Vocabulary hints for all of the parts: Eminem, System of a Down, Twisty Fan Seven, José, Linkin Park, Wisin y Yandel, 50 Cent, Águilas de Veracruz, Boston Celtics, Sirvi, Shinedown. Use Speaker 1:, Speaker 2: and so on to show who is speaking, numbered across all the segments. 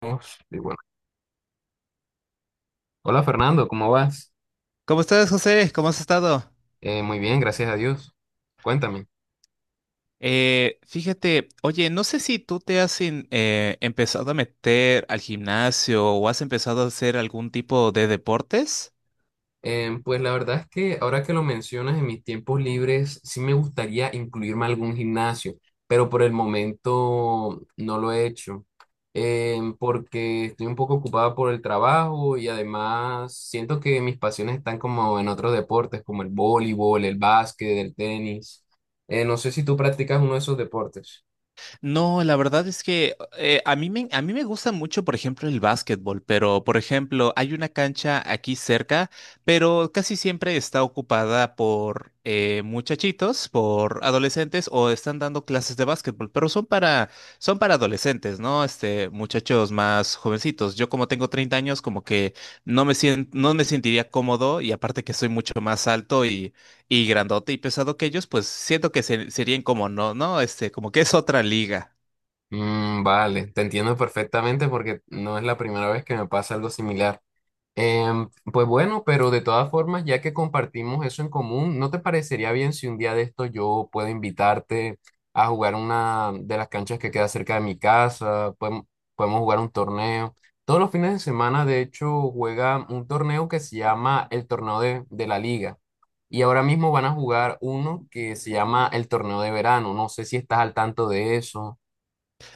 Speaker 1: Vamos, y bueno. Hola Fernando, ¿cómo vas?
Speaker 2: ¿Cómo estás, José? ¿Cómo has estado?
Speaker 1: Muy bien, gracias a Dios. Cuéntame.
Speaker 2: Fíjate, oye, no sé si tú te has empezado a meter al gimnasio o has empezado a hacer algún tipo de deportes.
Speaker 1: Pues la verdad es que ahora que lo mencionas en mis tiempos libres, sí me gustaría incluirme a algún gimnasio, pero por el momento no lo he hecho, porque estoy un poco ocupada por el trabajo y además siento que mis pasiones están como en otros deportes, como el voleibol, el básquet, el tenis. No sé si tú practicas uno de esos deportes.
Speaker 2: No, la verdad es que a mí me gusta mucho, por ejemplo, el básquetbol, pero, por ejemplo, hay una cancha aquí cerca, pero casi siempre está ocupada por muchachitos, por adolescentes o están dando clases de básquetbol, pero son para adolescentes, ¿no? Este, muchachos más jovencitos. Yo como tengo 30 años, como que no me sentiría cómodo, y aparte que soy mucho más alto y grandote y pesado que ellos, pues siento que serían como no, ¿no? Este, como que es otra liga.
Speaker 1: Mm, vale, te entiendo perfectamente porque no es la primera vez que me pasa algo similar. Pues bueno, pero de todas formas, ya que compartimos eso en común, ¿no te parecería bien si un día de esto yo puedo invitarte a jugar una de las canchas que queda cerca de mi casa? Podemos jugar un torneo. Todos los fines de semana, de hecho, juega un torneo que se llama el Torneo de la Liga. Y ahora mismo van a jugar uno que se llama el Torneo de Verano. No sé si estás al tanto de eso.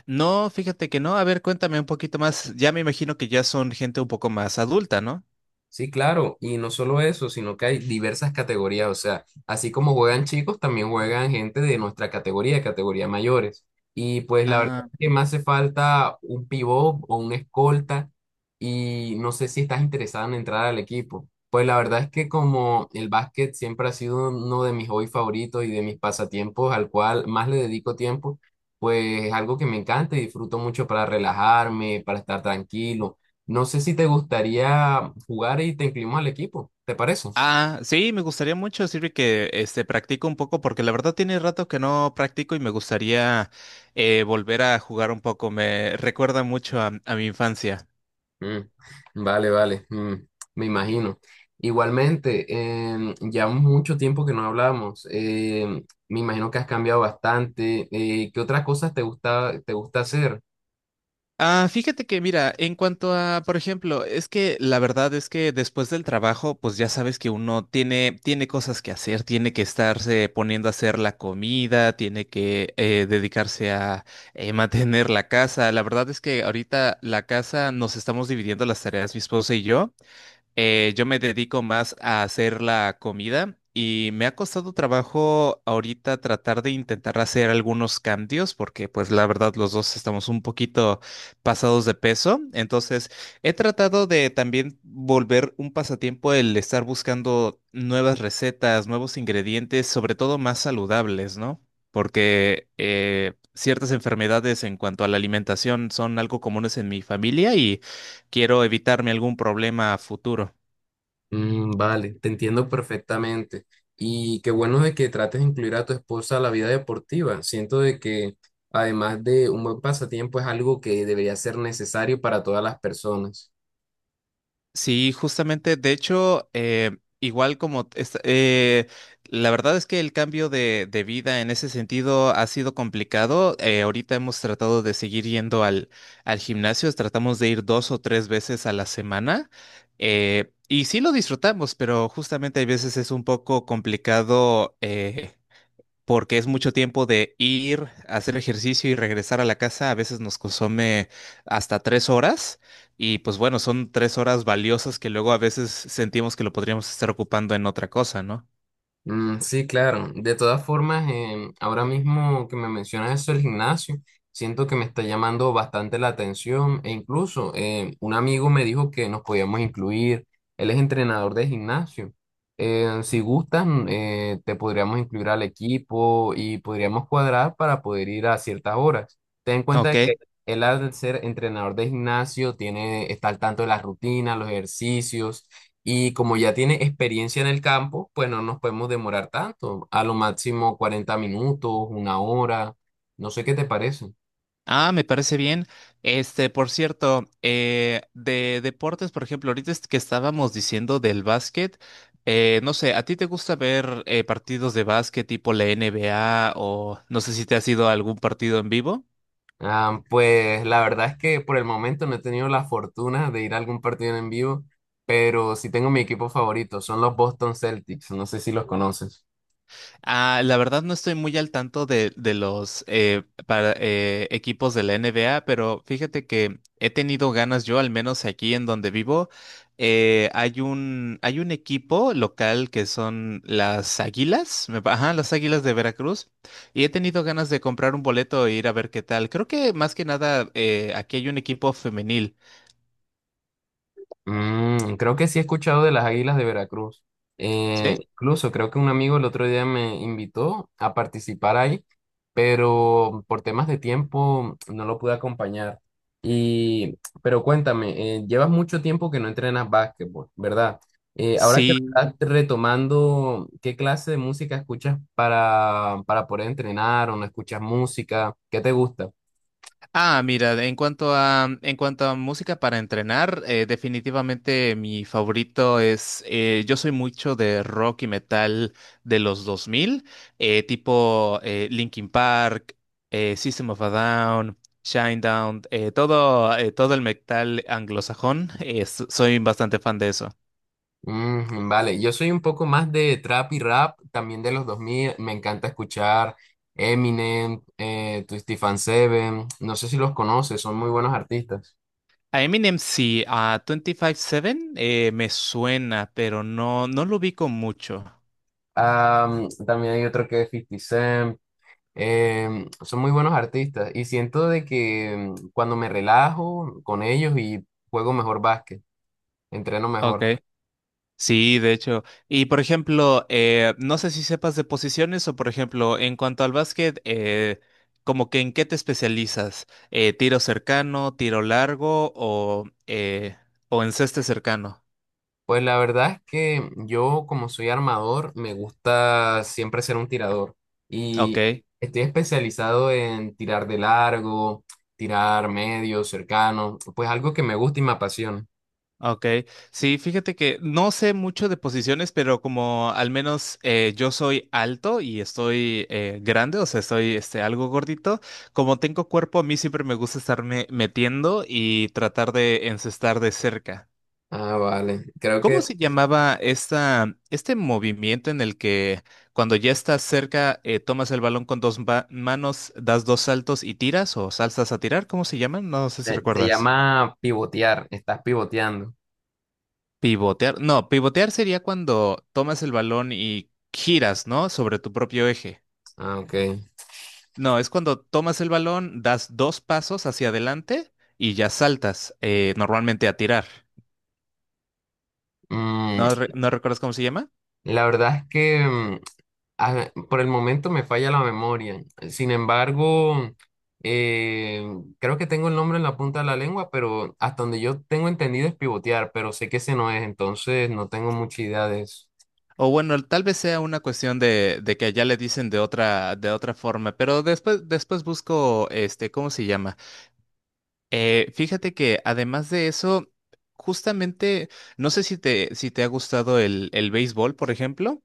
Speaker 2: No, fíjate que no. A ver, cuéntame un poquito más. Ya me imagino que ya son gente un poco más adulta, ¿no?
Speaker 1: Sí, claro, y no solo eso, sino que hay diversas categorías, o sea, así como juegan chicos, también juegan gente de nuestra categoría, categoría mayores. Y pues la verdad
Speaker 2: Ah,
Speaker 1: es que me hace falta un pivot o un escolta y no sé si estás interesado en entrar al equipo. Pues la verdad es que como el básquet siempre ha sido uno de mis hobbies favoritos y de mis pasatiempos al cual más le dedico tiempo, pues es algo que me encanta y disfruto mucho para relajarme, para estar tranquilo. No sé si te gustaría jugar y te incluimos al equipo, ¿te parece?
Speaker 2: ah, sí, me gustaría mucho, Sirvi, que este practico un poco, porque la verdad tiene rato que no practico y me gustaría volver a jugar un poco. Me recuerda mucho a mi infancia.
Speaker 1: Mm, vale, vale, me imagino. Igualmente, ya mucho tiempo que no hablamos. Me imagino que has cambiado bastante. ¿Qué otras cosas te gusta hacer?
Speaker 2: Ah, fíjate que mira, en cuanto a, por ejemplo, es que la verdad es que después del trabajo, pues ya sabes que uno tiene cosas que hacer, tiene que estarse poniendo a hacer la comida, tiene que dedicarse a mantener la casa. La verdad es que ahorita la casa nos estamos dividiendo las tareas, mi esposa y yo. Yo me dedico más a hacer la comida y me ha costado trabajo ahorita tratar de intentar hacer algunos cambios porque pues la verdad los dos estamos un poquito pasados de peso. Entonces he tratado de también volver un pasatiempo el estar buscando nuevas recetas, nuevos ingredientes, sobre todo más saludables, ¿no? Porque ciertas enfermedades en cuanto a la alimentación son algo comunes en mi familia, y quiero evitarme algún problema a futuro.
Speaker 1: Mm, vale, te entiendo perfectamente. Y qué bueno de que trates de incluir a tu esposa a la vida deportiva. Siento de que además de un buen pasatiempo es algo que debería ser necesario para todas las personas.
Speaker 2: Sí, justamente, de hecho, igual como, la verdad es que el cambio de vida en ese sentido ha sido complicado. Ahorita hemos tratado de seguir yendo al gimnasio, tratamos de ir 2 o 3 veces a la semana, y sí lo disfrutamos, pero justamente hay veces es un poco complicado, porque es mucho tiempo de ir, hacer ejercicio y regresar a la casa. A veces nos consume hasta 3 horas, y pues bueno, son 3 horas valiosas que luego a veces sentimos que lo podríamos estar ocupando en otra cosa, ¿no?
Speaker 1: Mm, sí, claro. De todas formas, ahora mismo que me mencionas eso del gimnasio, siento que me está llamando bastante la atención e incluso un amigo me dijo que nos podíamos incluir. Él es entrenador de gimnasio. Si gustan, te podríamos incluir al equipo y podríamos cuadrar para poder ir a ciertas horas. Ten en cuenta
Speaker 2: Ok.
Speaker 1: que él al ser entrenador de gimnasio tiene, está al tanto de las rutinas, los ejercicios, y como ya tiene experiencia en el campo, pues no nos podemos demorar tanto, a lo máximo 40 minutos, una hora. No sé qué te parece.
Speaker 2: Ah, me parece bien. Este, por cierto, de deportes, por ejemplo, ahorita es que estábamos diciendo del básquet, no sé, ¿a ti te gusta ver partidos de básquet tipo la NBA o no sé si te has ido a algún partido en vivo?
Speaker 1: Ah, pues la verdad es que por el momento no he tenido la fortuna de ir a algún partido en vivo, pero sí tengo mi equipo favorito, son los Boston Celtics, no sé si los conoces.
Speaker 2: Ah, la verdad no estoy muy al tanto de los equipos de la NBA, pero fíjate que he tenido ganas yo, al menos aquí en donde vivo, hay hay un equipo local que son las Águilas, ajá, las Águilas de Veracruz, y he tenido ganas de comprar un boleto e ir a ver qué tal. Creo que más que nada aquí hay un equipo femenil.
Speaker 1: Mm, creo que sí he escuchado de las Águilas de Veracruz.
Speaker 2: ¿Sí?
Speaker 1: Incluso creo que un amigo el otro día me invitó a participar ahí, pero por temas de tiempo no lo pude acompañar. Y, pero cuéntame, llevas mucho tiempo que no entrenas básquetbol, ¿verdad? Ahora que lo
Speaker 2: Sí.
Speaker 1: estás retomando, ¿qué clase de música escuchas para poder entrenar, o no escuchas música? ¿Qué te gusta?
Speaker 2: Ah, mira, en cuanto a música para entrenar, definitivamente mi favorito es, yo soy mucho de rock y metal de los 2000, tipo Linkin Park, System of a Down, Shinedown, todo el metal anglosajón, soy bastante fan de eso.
Speaker 1: Mm, vale, yo soy un poco más de trap y rap, también de los 2000. Me encanta escuchar Eminem, Twisty Fan Seven, no sé si los conoces, son muy buenos artistas.
Speaker 2: A Eminem sí, a 25-7 me suena, pero no, no lo ubico mucho.
Speaker 1: También hay otro que es 50 Cent. Son muy buenos artistas y siento de que, cuando me relajo con ellos, y juego mejor básquet, entreno
Speaker 2: Ok.
Speaker 1: mejor.
Speaker 2: Sí, de hecho. Y por ejemplo, no sé si sepas de posiciones o por ejemplo, en cuanto al básquet, como que en qué te especializas, tiro cercano, tiro largo o en ceste cercano.
Speaker 1: Pues la verdad es que yo, como soy armador, me gusta siempre ser un tirador. Y
Speaker 2: Ok,
Speaker 1: estoy especializado en tirar de largo, tirar medio, cercano. Pues algo que me gusta y me apasiona.
Speaker 2: ok. Sí, fíjate que no sé mucho de posiciones, pero como al menos yo soy alto y estoy grande, o sea, estoy este, algo gordito, como tengo cuerpo, a mí siempre me gusta estarme metiendo y tratar de encestar de cerca.
Speaker 1: Ah, vale. Creo
Speaker 2: ¿Cómo
Speaker 1: que
Speaker 2: se llamaba esta, este movimiento en el que cuando ya estás cerca, tomas el balón con dos manos, das dos saltos y tiras o saltas a tirar? ¿Cómo se llaman? No sé si
Speaker 1: se
Speaker 2: recuerdas.
Speaker 1: llama pivotear. Estás pivoteando.
Speaker 2: Pivotear. No, pivotear sería cuando tomas el balón y giras, ¿no? Sobre tu propio eje.
Speaker 1: Ah, ok.
Speaker 2: No, es cuando tomas el balón, das dos pasos hacia adelante y ya saltas, normalmente a tirar.
Speaker 1: Mm,
Speaker 2: ¿No, no recuerdas cómo se llama?
Speaker 1: la verdad es que, por el momento me falla la memoria. Sin embargo, eh, creo que tengo el nombre en la punta de la lengua, pero hasta donde yo tengo entendido es pivotear, pero sé que ese no es, entonces no tengo mucha idea de eso.
Speaker 2: O bueno, tal vez sea una cuestión de que allá le dicen de otra forma, pero después busco, este, ¿cómo se llama? Fíjate que además de eso, justamente, no sé si si te ha gustado el béisbol, por ejemplo.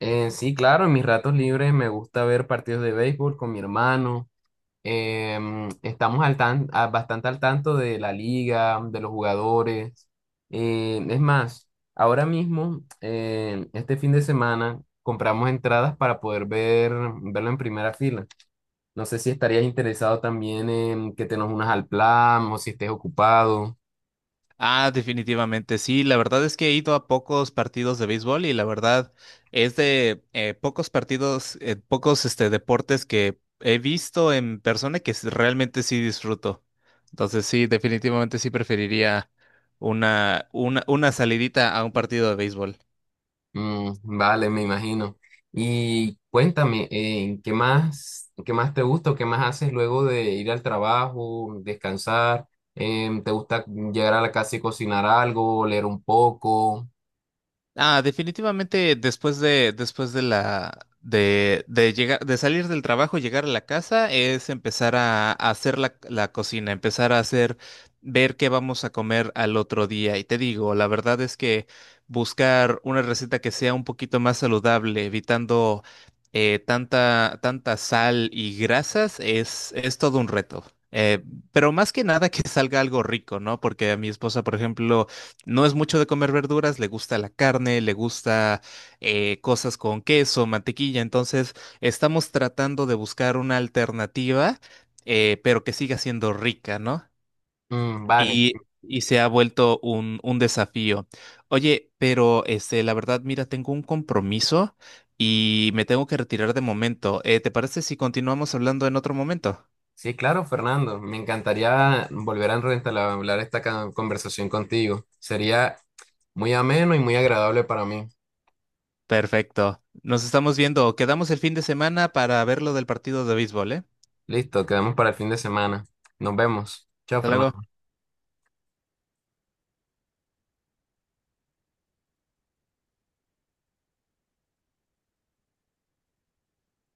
Speaker 1: Sí, claro, en mis ratos libres me gusta ver partidos de béisbol con mi hermano. Estamos al bastante al tanto de la liga, de los jugadores. Es más, ahora mismo, este fin de semana, compramos entradas para poder ver, verlo en primera fila. No sé si estarías interesado también en que te nos unas al plan o si estés ocupado.
Speaker 2: Ah, definitivamente, sí. La verdad es que he ido a pocos partidos de béisbol y la verdad es de pocos partidos, pocos este, deportes que he visto en persona que realmente sí disfruto. Entonces sí, definitivamente sí preferiría una salidita a un partido de béisbol.
Speaker 1: Mm, vale, me imagino. Y cuéntame, qué más te gusta o qué más haces luego de ir al trabajo, descansar? ¿Te gusta llegar a la casa y cocinar algo, leer un poco?
Speaker 2: Ah, definitivamente después de la, de llegar, de salir del trabajo, llegar a la casa, es empezar a hacer la cocina, empezar a hacer, ver qué vamos a comer al otro día. Y te digo, la verdad es que buscar una receta que sea un poquito más saludable, evitando tanta sal y grasas, es todo un reto. Eh, pero más que nada que salga algo rico, ¿no? Porque a mi esposa, por ejemplo, no es mucho de comer verduras, le gusta la carne, le gusta cosas con queso, mantequilla. Entonces, estamos tratando de buscar una alternativa, pero que siga siendo rica, ¿no?
Speaker 1: Mm, vale.
Speaker 2: Y se ha vuelto un desafío. Oye, pero este, la verdad, mira, tengo un compromiso y me tengo que retirar de momento. ¿Te parece si continuamos hablando en otro momento?
Speaker 1: Sí, claro, Fernando. Me encantaría volver a entablar esta conversación contigo. Sería muy ameno y muy agradable para mí.
Speaker 2: Perfecto. Nos estamos viendo. Quedamos el fin de semana para ver lo del partido de béisbol, ¿eh?
Speaker 1: Listo, quedamos para el fin de semana. Nos vemos. Chao,
Speaker 2: Hasta luego.
Speaker 1: Fernando.